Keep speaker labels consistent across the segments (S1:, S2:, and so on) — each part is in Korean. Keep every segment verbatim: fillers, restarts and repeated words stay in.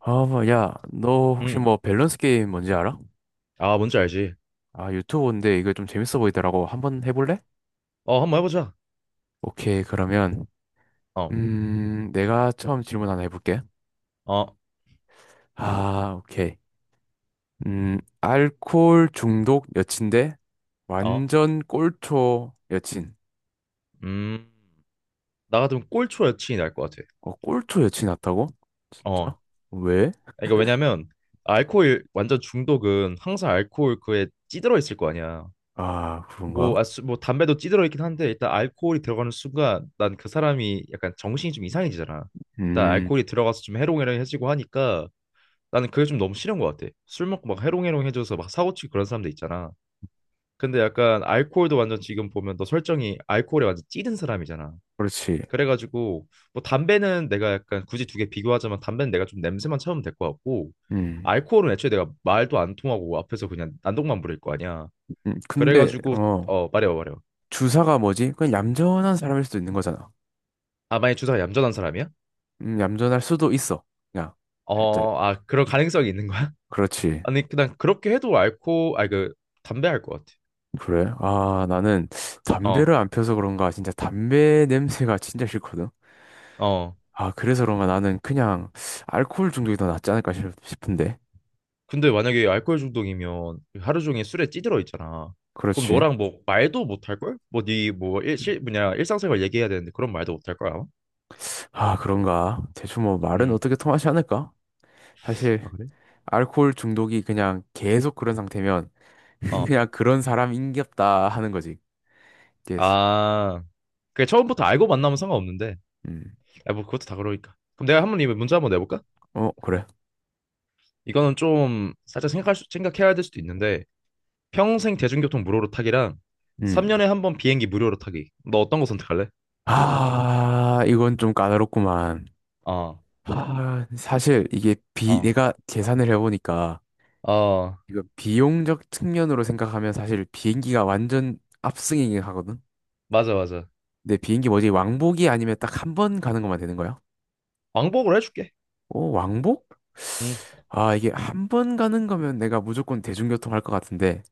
S1: 아, 뭐, 야, 너 혹시
S2: 음.
S1: 뭐 밸런스 게임 뭔지 알아?
S2: 아, 뭔지 알지.
S1: 아, 유튜브인데 이거 좀 재밌어 보이더라고. 한번 해볼래?
S2: 어, 한번 해보자.
S1: 오케이, 그러면,
S2: 어,
S1: 음, 내가 처음 질문 하나 해볼게.
S2: 어,
S1: 아, 오케이. 음, 알코올 중독 여친데
S2: 어.
S1: 완전 꼴초 여친.
S2: 음. 나 같으면 꼴초 여친이 날 것 같아.
S1: 어, 꼴초 여친 같다고?
S2: 어.
S1: 진짜? 왜?
S2: 그러니까 왜냐면 알코올 완전 중독은 항상 알코올 그에 찌들어 있을 거 아니야.
S1: 아,
S2: 뭐, 아,
S1: 그런가?
S2: 수, 뭐 담배도 찌들어 있긴 한데 일단 알코올이 들어가는 순간 난 그 사람이 약간 정신이 좀 이상해지잖아. 일단
S1: 음,
S2: 알코올이 들어가서 좀 해롱해롱해지고 하니까 나는 그게 좀 너무 싫은 것 같아. 술 먹고 막 해롱해롱해져서 막 사고치고 그런 사람들 있잖아. 근데 약간 알코올도 완전 지금 보면 너 설정이 알코올에 완전 찌든 사람이잖아.
S1: 그렇지.
S2: 그래가지고 뭐 담배는 내가 약간 굳이 두 개 비교하자면 담배는 내가 좀 냄새만 참으면 될 것 같고
S1: 음,
S2: 알코올은 애초에 내가 말도 안 통하고 앞에서 그냥 난동만 부릴 거 아니야.
S1: 음, 근데,
S2: 그래가지고
S1: 어,
S2: 어, 말해봐 말해봐.
S1: 주사가 뭐지? 그냥 얌전한 사람일 수도 있는 거잖아.
S2: 아, 만약 주사가 얌전한 사람이야?
S1: 음, 얌전할 수도 있어. 그냥 살짝.
S2: 어, 아 그런 가능성이 있는 거야?
S1: 그렇지.
S2: 아니, 그냥 그렇게 해도 알코 아그 담배 할 것 같아.
S1: 그래? 아, 나는
S2: 어 어.
S1: 담배를 안 펴서 그런가 진짜 담배 냄새가 진짜 싫거든.
S2: 어.
S1: 아, 그래서 그런가 나는 그냥 알코올 중독이 더 낫지 않을까 싶- 싶은데.
S2: 근데 만약에 알코올 중독이면 하루 종일 술에 찌들어 있잖아. 그럼
S1: 그렇지.
S2: 너랑 뭐 말도 못 할 걸? 뭐 네 뭐일실 뭐냐 일상생활 얘기해야 되는데 그런 말도 못 할 거야. 아마?
S1: 아, 그런가? 대충 뭐 말은
S2: 음.
S1: 어떻게 통하지 않을까? 사실
S2: 아, 그래?
S1: 알코올 중독이 그냥 계속 그런 상태면
S2: 어.
S1: 그냥 그런 사람인갑다 하는 거지. 예스.
S2: 아. 그게 처음부터 알고 만나면 상관없는데.
S1: 음.
S2: 아, 뭐 그것도 다 그러니까. 그럼 내가 한번 이 문제 한번 내볼까?
S1: 어, 그래.
S2: 이거는 좀 살짝 생각할 수, 생각해야 될 수도 있는데 평생 대중교통 무료로 타기랑
S1: 음.
S2: 삼 년에 한번 비행기 무료로 타기. 너 어떤 거 선택할래?
S1: 아, 이건 좀 까다롭구만.
S2: 어.
S1: 아, 사실 이게 비
S2: 어.
S1: 내가 계산을 해보니까
S2: 어.
S1: 이거 비용적 측면으로 생각하면 사실 비행기가 완전 압승이긴 하거든.
S2: 맞아 맞아.
S1: 근데 비행기 뭐지 왕복이 아니면 딱 한 번 가는 것만 되는 거야?
S2: 왕복으로 해줄게.
S1: 오 왕복?
S2: 응.
S1: 아 이게 한 번 가는 거면 내가 무조건 대중교통 할 것 같은데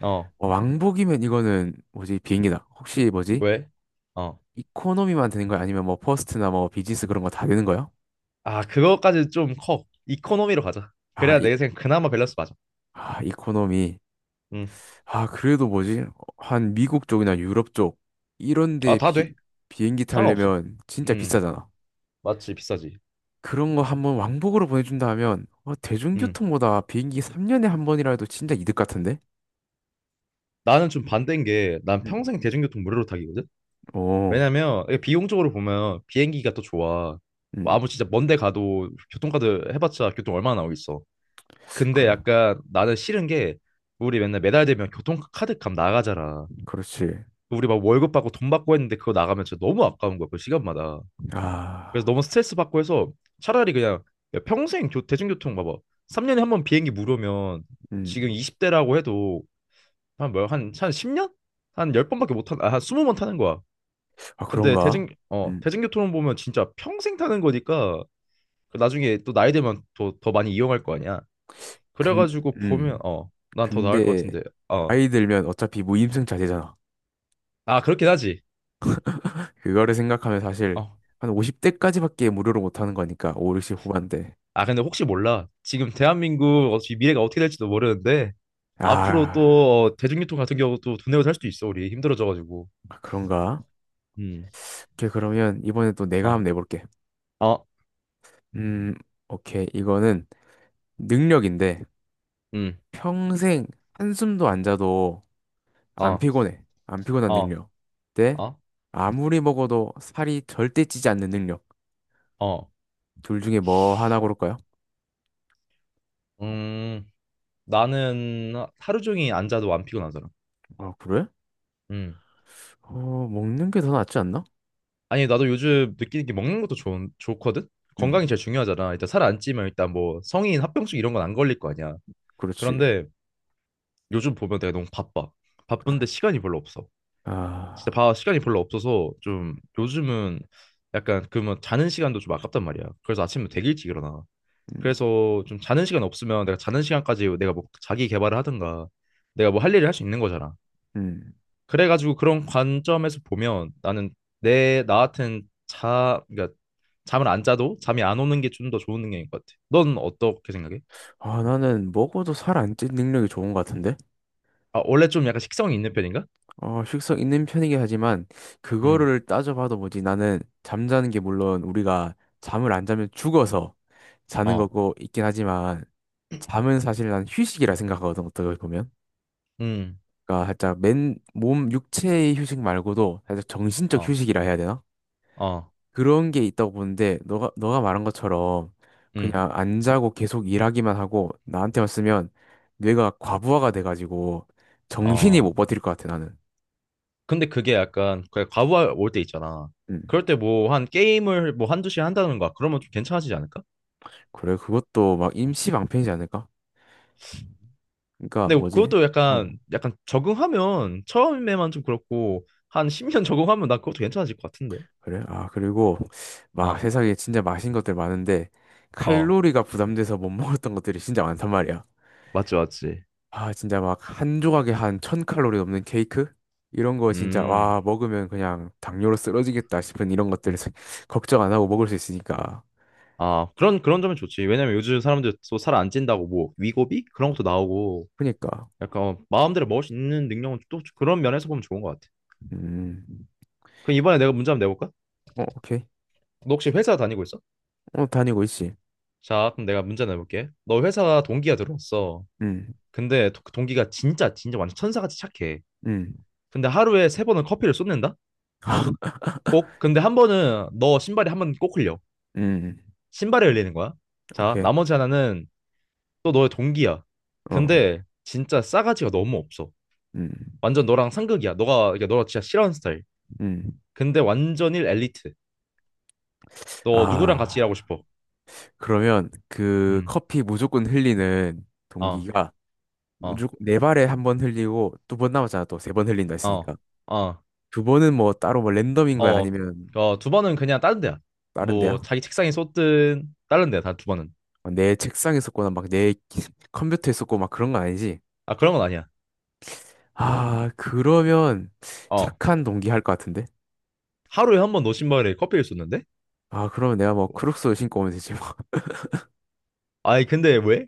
S2: 어.
S1: 어, 왕복이면 이거는 뭐지 비행기다. 혹시 뭐지
S2: 왜? 어.
S1: 이코노미만 되는 거야? 아니면 뭐 퍼스트나 뭐 비즈니스 그런 거 다 되는 거야?
S2: 아, 그거까지 좀 커. 이코노미로 가자.
S1: 아,
S2: 그래야
S1: 이,
S2: 내 생각 그나마 밸런스 맞아.
S1: 아 이코노미.
S2: 음.
S1: 아, 그래도 뭐지? 한 미국 쪽이나 유럽 쪽 이런
S2: 아,
S1: 데
S2: 다
S1: 비,
S2: 돼.
S1: 비행기
S2: 상관없어.
S1: 타려면 진짜
S2: 음.
S1: 비싸잖아.
S2: 맞지, 비싸지.
S1: 그런 거 한번 왕복으로 보내준다 하면 어,
S2: 음.
S1: 대중교통보다 비행기 삼 년에 한 번이라도 진짜 이득 같은데?
S2: 나는 좀 반대인 게 난
S1: 음.
S2: 평생 대중교통 무료로 타기거든.
S1: 오,
S2: 왜냐면 이게 비용적으로 보면 비행기가 더 좋아.
S1: 음,
S2: 뭐 아무 진짜 먼데 가도 교통카드 해봤자 교통 얼마나 나오겠어.
S1: 그,
S2: 근데 약간 나는 싫은 게 우리 맨날 매달 되면 교통카드 값 나가잖아.
S1: 그렇지.
S2: 우리 막 월급 받고 돈 받고 했는데 그거 나가면 진짜 너무 아까운 거야, 그 시간마다. 그래서
S1: 아,
S2: 너무 스트레스 받고 해서 차라리 그냥 야, 평생 교, 대중교통 봐봐. 삼 년에 한 번 비행기 무료면 지금
S1: 음,
S2: 이십 대라고 해도 한 뭐야 한한 십 년? 한 열 번밖에 못 타는 아한 스무 번 타는 거야.
S1: 아,
S2: 근데
S1: 그런가?
S2: 대중 어
S1: 음,
S2: 대중교통은 보면 진짜 평생 타는 거니까 그 나중에 또 나이 되면 더 더 많이 이용할 거 아니야.
S1: 근,
S2: 그래가지고 보면
S1: 음,
S2: 어, 난 더 나을 것
S1: 근데
S2: 같은데. 어,
S1: 아이 들면 어차피 무임승 자제잖아.
S2: 아 그렇긴 하지.
S1: 그거를 생각하면 사실
S2: 어,
S1: 한 오십 대까지밖에 무료로 못 하는 거니까 오, 육십 후반대.
S2: 아 근데 혹시 몰라 지금 대한민국 어차피 미래가 어떻게 될지도 모르는데 앞으로
S1: 아.
S2: 또 어, 대중교통 같은 경우도 돈 내고 살 수도 있어 우리 힘들어져가지고.
S1: 아, 그런가?
S2: 음,
S1: 오케이, 그러면 이번에 또 내가 한번
S2: 어,
S1: 내볼게.
S2: 어,
S1: 음, 오케이. 이거는 능력인데
S2: 음,
S1: 평생 한숨도 안 자도 안
S2: 어,
S1: 피곤해. 안 피곤한
S2: 어,
S1: 능력. 네?
S2: 어,
S1: 아무리 먹어도 살이 절대 찌지 않는 능력.
S2: 어.
S1: 둘 중에 뭐 하나 고를까요?
S2: 음. 나는 하- 하루 종일 앉아도 안 피곤하잖아.
S1: 아, 그래?
S2: 음.
S1: 어, 먹는 게 더 낫지 않나?
S2: 아니, 나도 요즘 느끼는 게 먹는 것도 좋은 좋거든 건강이
S1: 음,
S2: 제일 중요하잖아. 일단 살 안 찌면 일단 뭐 성인 합병증 이런 건 안 걸릴 거 아니야.
S1: 그렇지.
S2: 그런데 요즘 보면 내가 너무 바빠. 바쁜데 시간이 별로 없어. 진짜
S1: 아,
S2: 봐, 시간이 별로 없어서 좀 요즘은 약간 그러면 자는 시간도 좀 아깝단 말이야. 그래서 아침에 되게 일찍 일어나.
S1: 음,
S2: 그래서 좀 자는 시간 없으면 내가 자는 시간까지 내가 뭐 자기 개발을 하든가 내가 뭐 할 일을 할 수 있는 거잖아.
S1: 음.
S2: 그래가지고 그런 관점에서 보면 나는 내 나 같은 자 그러니까 잠을 안 자도 잠이 안 오는 게 좀 더 좋은 능력인 것 같아. 넌 어떻게 생각해?
S1: 아, 나는 먹어도 살 안 찌는 능력이 좋은 것 같은데?
S2: 아, 원래 좀 약간 식성이 있는 편인가?
S1: 어, 식성 있는 편이긴 하지만
S2: 음,
S1: 그거를 따져봐도 뭐지 나는 잠자는 게 물론 우리가 잠을 안 자면 죽어서 자는
S2: 어,
S1: 거고 있긴 하지만 잠은 사실 난 휴식이라 생각하거든 어떻게 보면
S2: 음,
S1: 그러니까 살짝 맨 몸 육체의 휴식 말고도 살짝 정신적
S2: 어,
S1: 휴식이라 해야 되나?
S2: 어,
S1: 그런 게 있다고 보는데 너가 너가 말한 것처럼
S2: 음,
S1: 그냥 안 자고 계속 일하기만 하고 나한테 왔으면 뇌가 과부하가 돼가지고 정신이 못
S2: 어.
S1: 버틸 것 같아 나는.
S2: 근데 그게 약간 그냥 과부하 올 때 있잖아.
S1: 음.
S2: 그럴 때 뭐 한 게임을 뭐 한두 시간 한다는 거야. 그러면 좀 괜찮아지지 않을까?
S1: 그래, 그것도 막
S2: 어.
S1: 임시 방편이지 않을까? 그러니까
S2: 근데
S1: 뭐지?
S2: 그것도
S1: 어.
S2: 약간 약간 적응하면 처음에만 좀 그렇고 한 십 년 적응하면 나 그것도 괜찮아질 것 같은데.
S1: 그래? 아, 그리고 막
S2: 아,
S1: 세상에 진짜 맛있는 것들 많은데
S2: 어,
S1: 칼로리가 부담돼서 못 먹었던 것들이 진짜 많단 말이야.
S2: 맞지, 맞지.
S1: 아, 진짜 막 한 조각에 한 천 칼로리 넘는 케이크? 이런 거 진짜
S2: 음.
S1: 와, 먹으면 그냥 당뇨로 쓰러지겠다 싶은 이런 것들을 생- 걱정 안 하고 먹을 수 있으니까.
S2: 아, 그런 그런 점은 좋지. 왜냐면 요즘 사람들 또 살 안 찐다고 뭐 위고비 그런 것도 나오고
S1: 그니까.
S2: 약간 마음대로 먹을 수 있는 능력은 또 그런 면에서 보면 좋은 것 같아.
S1: 음.
S2: 그럼 이번에 내가 문제 한번 내볼까?
S1: 어, 오케이.
S2: 너 혹시 회사 다니고 있어?
S1: 어, 다니고 있지.
S2: 자, 그럼 내가 문제 내볼게. 너 회사 동기가 들어왔어.
S1: 음.
S2: 근데 도- 그 동기가 진짜 진짜 완전 천사같이 착해.
S1: 음.
S2: 근데 하루에 세 번은 커피를 쏟는다? 꼭. 근데 한 번은 너 신발이 한 번 꼭 흘려.
S1: 음.
S2: 신발에 흘리는 거야. 자,
S1: 오케이.
S2: 나머지 하나는 또 너의 동기야.
S1: 어.
S2: 근데 진짜 싸가지가 너무 없어.
S1: 음.
S2: 완전 너랑 상극이야. 너가 그러니까 너가 진짜 싫어하는 스타일.
S1: 음.
S2: 근데 완전일 엘리트. 너 누구랑 같이
S1: 아.
S2: 일하고 싶어?
S1: 그러면 그
S2: 음.
S1: 커피 무조건 흘리는
S2: 어,
S1: 동기가
S2: 어,
S1: 무조건 네 발에 한 번 흘리고 두 번 남았잖아. 또 세 번 흘린다
S2: 어,
S1: 했으니까.
S2: 어.
S1: 두 번은 뭐 따로 뭐 랜덤인 거야?
S2: 어,
S1: 아니면
S2: 어, 두 번은 그냥 다른 데야.
S1: 다른
S2: 뭐
S1: 데야?
S2: 자기 책상에 쏟든 다른 데야 다 두 번은.
S1: 아, 내 책상에 썼거나 막 내 컴퓨터에 썼고 막 그런 건 아니지?
S2: 아, 그런 건 아니야.
S1: 아, 그러면
S2: 어,
S1: 착한 동기 할 것 같은데?
S2: 하루에 한 번 노신발에 커피를 쏟는데?
S1: 아, 그러면 내가 뭐 크록스 신고 오면 되지 뭐.
S2: 아니 근데 왜?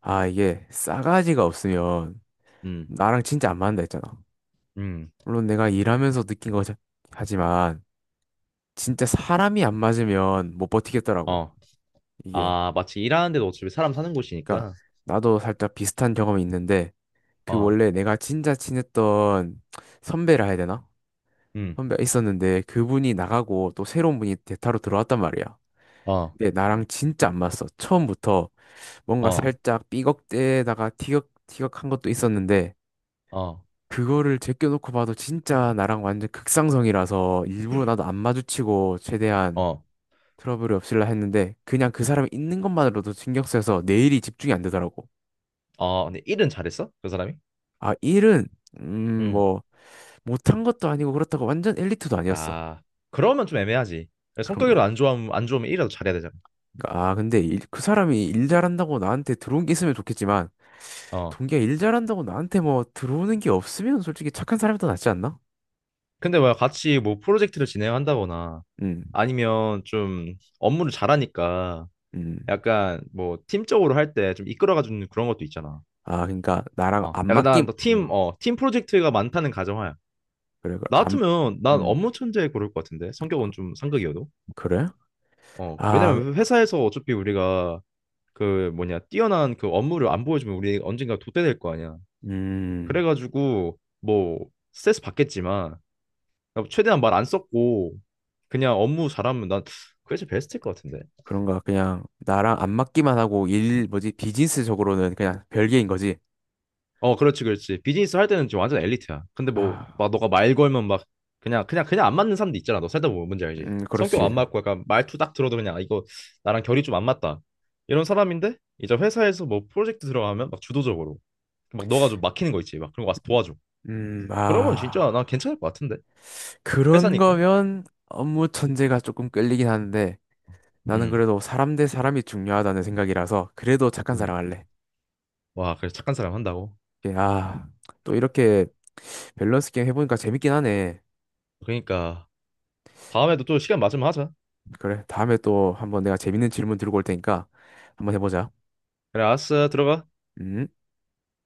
S1: 아, 이게 싸가지가 없으면
S2: 음,
S1: 나랑 진짜 안 맞는다 했잖아.
S2: 음,
S1: 물론 내가 일하면서 느낀 거지. 하지만 진짜 사람이 안 맞으면 못 버티겠더라고.
S2: 어,
S1: 이게.
S2: 아 마치 일하는 데도 어차피 사람 사는
S1: 그러니까
S2: 곳이니까.
S1: 나도 살짝 비슷한 경험이 있는데 그
S2: 어,
S1: 원래 내가 진짜 친했던 선배라 해야 되나?
S2: 음,
S1: 선배가 있었는데 그분이 나가고 또 새로운 분이 대타로 들어왔단 말이야.
S2: 어,
S1: 근데 나랑 진짜 안 맞았어. 처음부터 뭔가
S2: 어,
S1: 살짝 삐걱대다가 티격티격한 것도 있었는데
S2: 어,
S1: 그거를 제껴놓고 봐도 진짜 나랑 완전 극상성이라서 일부러 나도 안 마주치고 최대한
S2: 어,
S1: 트러블이 없을라 했는데 그냥 그 사람이 있는 것만으로도 신경 쓰여서 내 일이 집중이 안 되더라고.
S2: 어. 근데 일은 잘했어? 그 사람이?
S1: 아, 일은 음,
S2: 음,
S1: 뭐 못한 것도 아니고 그렇다고 완전 엘리트도 아니었어.
S2: 아 그러면 좀 애매하지.
S1: 그런가?
S2: 성격이라안 좋아면안 좋으면 일이라도 잘해야 되잖아.
S1: 아, 근데 일- 그 사람이 일 잘한다고 나한테 들어온 게 있으면 좋겠지만
S2: 어.
S1: 동기가 일 잘한다고 나한테 뭐 들어오는 게 없으면 솔직히 착한 사람이 더 낫지 않나?
S2: 근데 뭐 같이 뭐 프로젝트를 진행한다거나
S1: 음.
S2: 아니면 좀 업무를 잘하니까
S1: 음.
S2: 약간 뭐 팀적으로 할 때 좀 이끌어가주는 그런 것도 있잖아.
S1: 아, 그러니까 나랑
S2: 어,
S1: 안
S2: 약간
S1: 맞기
S2: 난 너
S1: 어,
S2: 팀, 어, 팀 프로젝트가 많다는 가정하야.
S1: 그래 그래.
S2: 나
S1: 안
S2: 같으면 난
S1: 음.
S2: 업무 천재 고를 것 같은데 성격은
S1: 그,
S2: 좀 상극이어도.
S1: 그래?
S2: 어,
S1: 아,
S2: 왜냐면 회사에서 어차피 우리가 그 뭐냐 뛰어난 그 업무를 안 보여주면 우리 언젠가 도태될 거 아니야.
S1: 음.
S2: 그래가지고 뭐 스트레스 받겠지만 최대한 말 안 썼고 그냥 업무 잘하면 난 그게 제일 베스트일 것 같은데.
S1: 그런가 그냥 나랑 안 맞기만 하고 일 뭐지 비즈니스적으로는 그냥 별개인 거지.
S2: 어, 그렇지, 그렇지. 비즈니스 할 때는 지금 완전 엘리트야. 근데 뭐,
S1: 아,
S2: 막 너가 말 걸면 막 그냥 그냥 그냥 안 맞는 사람도 있잖아. 너 살다 보면 뭔지 알지?
S1: 음,
S2: 성격 안
S1: 그렇지.
S2: 맞고 약간 말투 딱 들어도 그냥 아, 이거 나랑 결이 좀 안 맞다. 이런 사람인데 이제 회사에서 뭐 프로젝트 들어가면 막 주도적으로 막 너가 좀 막히는 거 있지. 막 그런 거 와서 도와줘.
S1: 음,
S2: 그러면
S1: 아,
S2: 진짜 난 괜찮을 것 같은데.
S1: 그런
S2: 회사니까.
S1: 거면 업무 천재가 조금 끌리긴 하는데 나는
S2: 음,
S1: 그래도 사람 대 사람이 중요하다는 생각이라서 그래도 착한
S2: 음.
S1: 사람 할래.
S2: 와, 그래 착한 사람 한다고.
S1: 예, 아, 또 이렇게 밸런스 게임 해보니까 재밌긴 하네.
S2: 그러니까 다음에도 또 시간 맞으면 하자.
S1: 그래, 다음에 또 한번 내가 재밌는 질문 들고 올 테니까 한번 해보자.
S2: 그래, 알았어. 들어가.
S1: 음.